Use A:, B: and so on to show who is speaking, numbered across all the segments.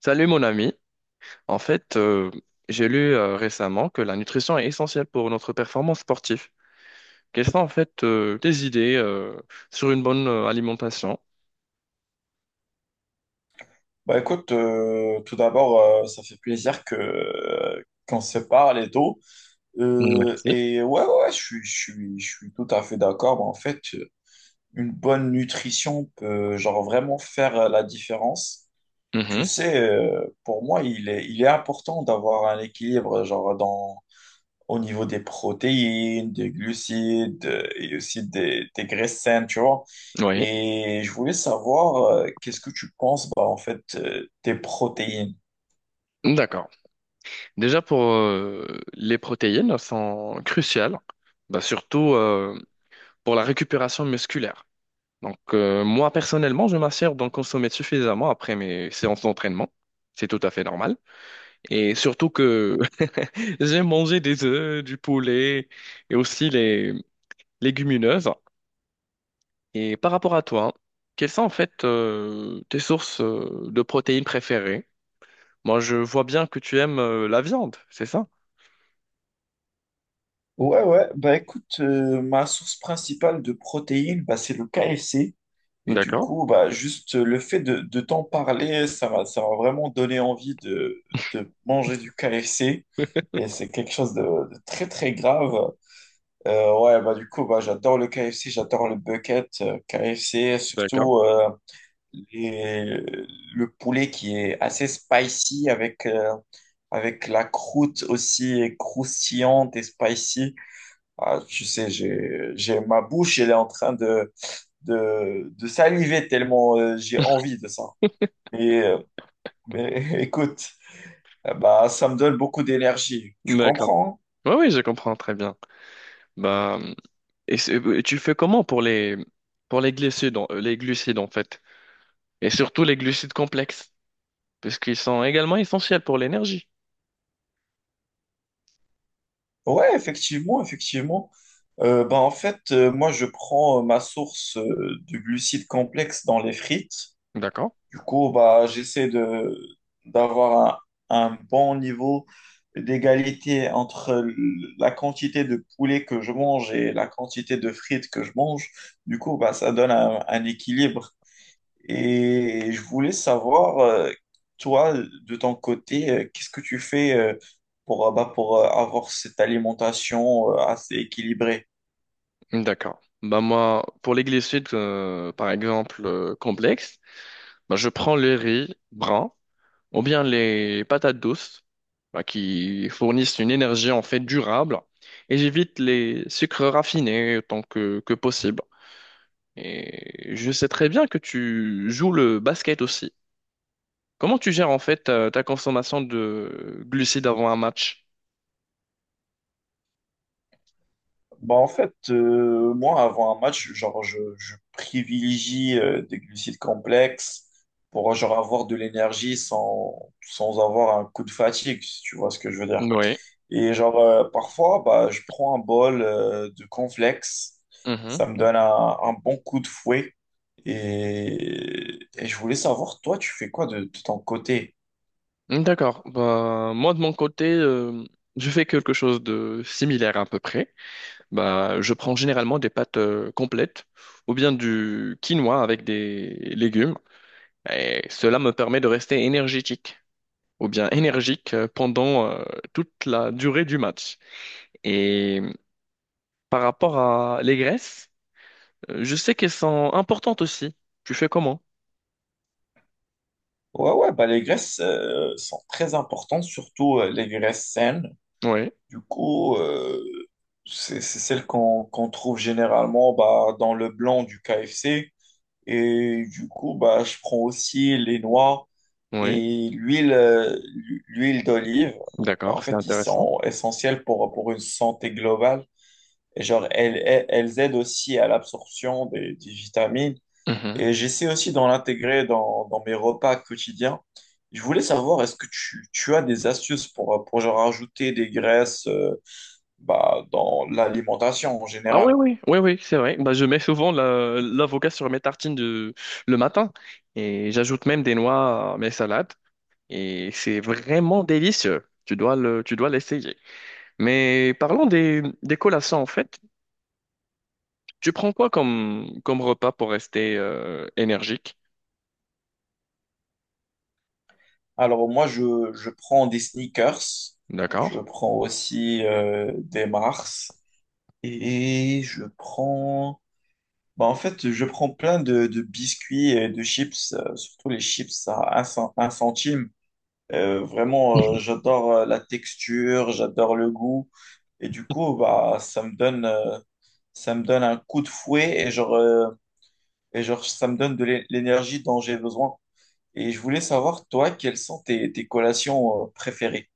A: Salut mon ami. En fait, euh, j'ai lu récemment que la nutrition est essentielle pour notre performance sportive. Quelles sont en fait tes idées sur une bonne alimentation?
B: Bah écoute, tout d'abord, ça fait plaisir que qu'on se parle et tout.
A: Merci.
B: Je suis tout à fait d'accord. Bah, en fait, une bonne nutrition peut genre vraiment faire la différence. Tu
A: Mhm.
B: sais, pour moi, il est important d'avoir un équilibre genre dans au niveau des protéines, des glucides et aussi des graisses saines, tu vois.
A: Oui,
B: Et je voulais savoir, qu'est-ce que tu penses, bah, en fait, des protéines?
A: d'accord. Déjà pour les protéines sont cruciales, bah, surtout pour la récupération musculaire. Moi personnellement, je m'assure d'en consommer suffisamment après mes séances d'entraînement. C'est tout à fait normal. Et surtout que j'ai mangé des œufs, du poulet et aussi les légumineuses. Et par rapport à toi, quelles sont en fait tes sources de protéines préférées? Moi, je vois bien que tu aimes la viande, c'est ça?
B: Ouais, ouais, bah écoute, ma source principale de protéines, bah, c'est le KFC. Et du
A: D'accord,
B: coup, bah, juste le fait de t'en parler, ça m'a vraiment donné envie de manger du KFC. Et c'est quelque chose de très, très grave. Ouais, bah du coup, bah, j'adore le KFC, j'adore le bucket KFC,
A: d'accord,
B: surtout les- le poulet qui est assez spicy avec, avec la croûte aussi croustillante et spicy. Ah, tu sais, ma bouche, elle est en train de saliver tellement j'ai envie de ça. Et, euh, mais écoute, bah, ça me donne beaucoup d'énergie. Tu
A: d'accord.
B: comprends?
A: Oui, oui, je comprends très bien. Bah, tu fais comment pour les glucides, les glucides en fait, et surtout les glucides complexes, parce qu'ils sont également essentiels pour l'énergie.
B: Hein, ouais, effectivement, effectivement. Bah, en fait, moi, je prends ma source de glucides complexes dans les frites.
A: D'accord.
B: Du coup, bah, j'essaie de d'avoir un bon niveau d'égalité la quantité de poulet que je mange et la quantité de frites que je mange. Du coup, bah, ça donne un équilibre. Et je voulais savoir, toi, de ton côté, qu'est-ce que tu fais pour, pour avoir cette alimentation assez équilibrée?
A: D'accord. Bah moi, pour les glucides, par exemple, complexes, bah je prends le riz brun ou bien les patates douces, bah, qui fournissent une énergie en fait durable, et j'évite les sucres raffinés autant que possible. Et je sais très bien que tu joues le basket aussi. Comment tu gères en fait ta consommation de glucides avant un match?
B: Bah en fait, moi, avant un match, genre, je privilégie des glucides complexes pour genre, avoir de l'énergie sans avoir un coup de fatigue, si tu vois ce que je veux dire.
A: Oui.
B: Et genre, parfois, bah, je prends un bol de cornflakes. Ça me donne un bon coup de fouet. Et je voulais savoir, toi, tu fais quoi de ton côté?
A: D'accord. Bah, moi, de mon côté, je fais quelque chose de similaire à peu près. Bah, je prends généralement des pâtes complètes ou bien du quinoa avec des légumes. Et cela me permet de rester énergétique ou bien énergique pendant toute la durée du match. Et par rapport à les graisses, je sais qu'elles sont importantes aussi. Tu fais comment?
B: Ouais, ouais, bah, les graisses sont très importantes, surtout les graisses saines.
A: Oui,
B: Du coup, c'est celle qu'on trouve généralement bah, dans le blanc du KFC. Et du coup, bah, je prends aussi les noix
A: oui.
B: et l'huile l'huile d'olive. Bah, en
A: D'accord, c'est
B: fait, ils
A: intéressant.
B: sont essentiels pour une santé globale. Et genre, elles aident aussi à l'absorption des vitamines. Et j'essaie aussi d'en l'intégrer dans, dans mes repas quotidiens. Je voulais savoir, est-ce que tu as des astuces pour genre, ajouter des graisses bah, dans l'alimentation en
A: Ah oui,
B: général.
A: oui, oui, oui, c'est vrai. Bah, je mets souvent l'avocat sur mes tartines de, le matin et j'ajoute même des noix à mes salades et c'est vraiment délicieux. Tu dois l'essayer. Mais parlons des collations en fait. Tu prends quoi comme, comme repas pour rester énergique?
B: Alors moi, je prends des sneakers, je
A: D'accord?
B: prends aussi des Mars et je prends... Bah, en fait, je prends plein de biscuits et de chips, surtout les chips à un centime. J'adore la texture, j'adore le goût. Et du coup, bah, ça me donne un coup de fouet et genre, ça me donne l'énergie dont j'ai besoin. Et je voulais savoir, toi, quelles sont tes collations préférées?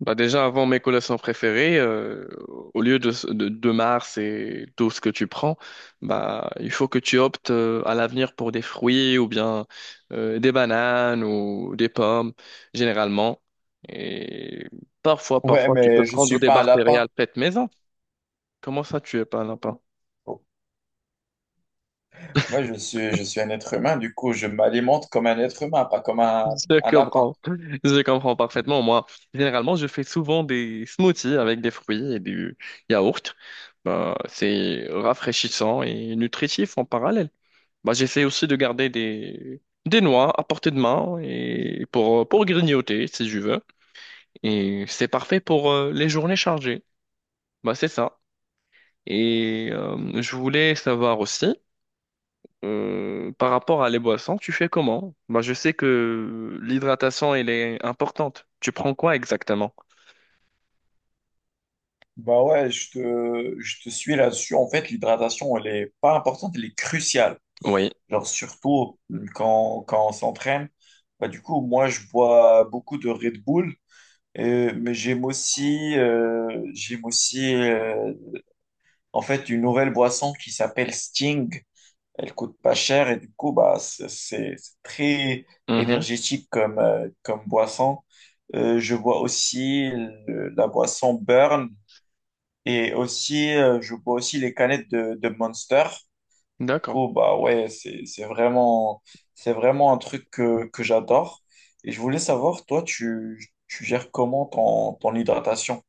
A: Bah déjà, avant mes collations préférées, au lieu de Mars et tout ce que tu prends, bah, il faut que tu optes à l'avenir pour des fruits ou bien des bananes ou des pommes, généralement. Et parfois,
B: Ouais,
A: parfois, tu peux
B: mais je
A: prendre
B: suis
A: des
B: pas un
A: barres
B: lapin.
A: céréales faites maison. Comment ça, tu es pas là?
B: Moi, je suis un être humain, du coup, je m'alimente comme un être humain, pas comme
A: Je
B: un lapin.
A: comprends. Je comprends parfaitement. Moi, généralement, je fais souvent des smoothies avec des fruits et du yaourt. Bah, c'est rafraîchissant et nutritif en parallèle. Bah, j'essaie aussi de garder des noix à portée de main et pour grignoter si je veux. Et c'est parfait pour les journées chargées. Bah, c'est ça. Et je voulais savoir aussi. Par rapport à les boissons, tu fais comment? Moi, je sais que l'hydratation, elle est importante. Tu prends quoi exactement?
B: Bah ouais, je te suis là-dessus. En fait, l'hydratation, elle est pas importante, elle est cruciale.
A: Oui.
B: Genre, surtout, quand, quand on s'entraîne. Bah, du coup, moi, je bois beaucoup de Red Bull, mais j'aime aussi en fait, une nouvelle boisson qui s'appelle Sting. Elle coûte pas cher et du coup, bah, c'est très
A: Mhm.
B: énergétique comme, comme boisson. Je bois aussi la boisson Burn et aussi, je bois aussi les canettes de Monster. Du
A: D'accord.
B: coup, bah ouais, c'est vraiment un truc que j'adore. Et je voulais savoir, toi, tu gères comment ton hydratation?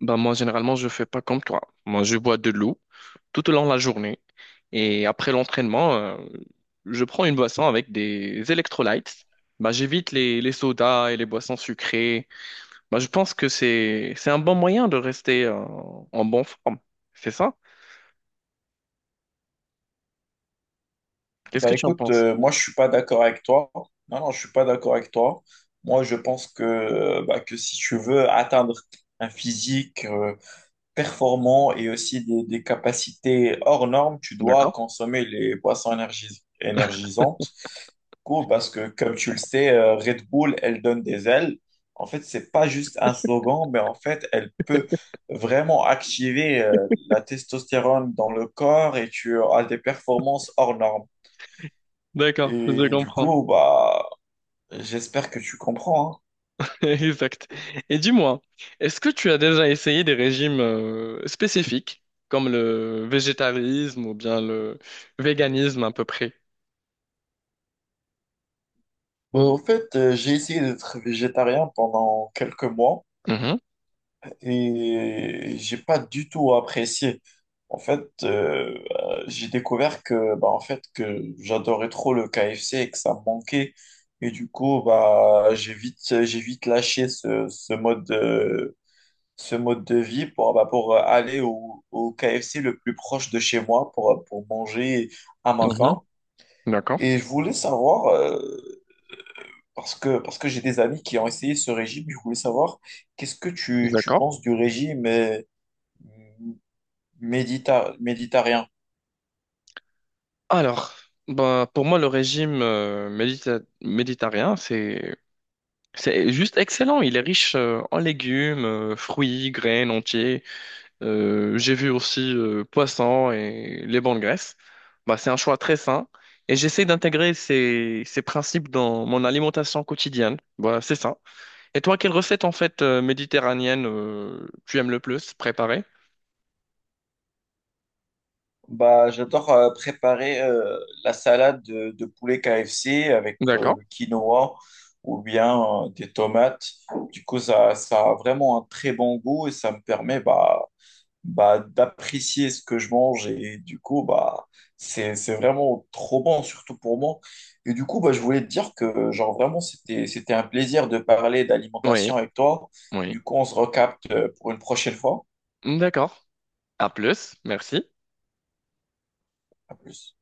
A: Ben moi, généralement, je fais pas comme toi. Moi, je bois de l'eau tout au long de la journée. Et après l'entraînement, je prends une boisson avec des électrolytes. Ben j'évite les sodas et les boissons sucrées. Ben je pense que c'est un bon moyen de rester, en bonne forme. C'est ça? Qu'est-ce
B: Bah
A: que tu en
B: écoute,
A: penses?
B: moi je suis pas d'accord avec toi. Non, non, je suis pas d'accord avec toi. Moi je pense que, que si tu veux atteindre un physique performant et aussi des capacités hors normes, tu dois
A: D'accord.
B: consommer les boissons énergisantes. Du coup, parce que comme tu le sais, Red Bull, elle donne des ailes. En fait, c'est pas juste un slogan, mais en fait, elle peut vraiment activer la testostérone dans le corps et tu as des performances hors normes.
A: D'accord, je
B: Et du
A: comprends.
B: coup, bah, j'espère que tu comprends, hein.
A: Exact. Et dis-moi, est-ce que tu as déjà essayé des régimes spécifiques, comme le végétarisme ou bien le véganisme à peu près?
B: Bah, en fait, j'ai essayé d'être végétarien pendant quelques mois
A: Mhm,
B: et j'ai pas du tout apprécié. En fait, euh, j'ai découvert que, bah, en fait, que j'adorais trop le KFC et que ça me manquait. Et du coup, bah, j'ai vite lâché ce, ce mode de vie pour, bah, pour aller au, au KFC le plus proche de chez moi pour manger à ma
A: mhm.
B: faim.
A: D'accord,
B: Et je voulais savoir, parce que j'ai des amis qui ont essayé ce régime, je voulais savoir qu'est-ce que tu
A: d'accord.
B: penses du régime méditerranéen?
A: Alors, bah, pour moi, le méditerranéen, c'est juste excellent. Il est riche en légumes, fruits, graines entiers. J'ai vu aussi poisson et les bonnes graisses. Bah, c'est un choix très sain et j'essaie d'intégrer ces principes dans mon alimentation quotidienne. Voilà, c'est ça. Et toi, quelle recette en fait méditerranéenne tu aimes le plus préparer?
B: Bah, j'adore préparer la salade de poulet KFC avec
A: D'accord.
B: le quinoa ou bien des tomates. Du coup, ça a vraiment un très bon goût et ça me permet bah, d'apprécier ce que je mange et du coup bah c'est vraiment trop bon surtout pour moi et du coup bah je voulais te dire que genre vraiment c'était un plaisir de parler
A: Oui,
B: d'alimentation avec toi
A: oui.
B: du coup on se recapte pour une prochaine fois.
A: D'accord. À plus, merci.
B: À plus.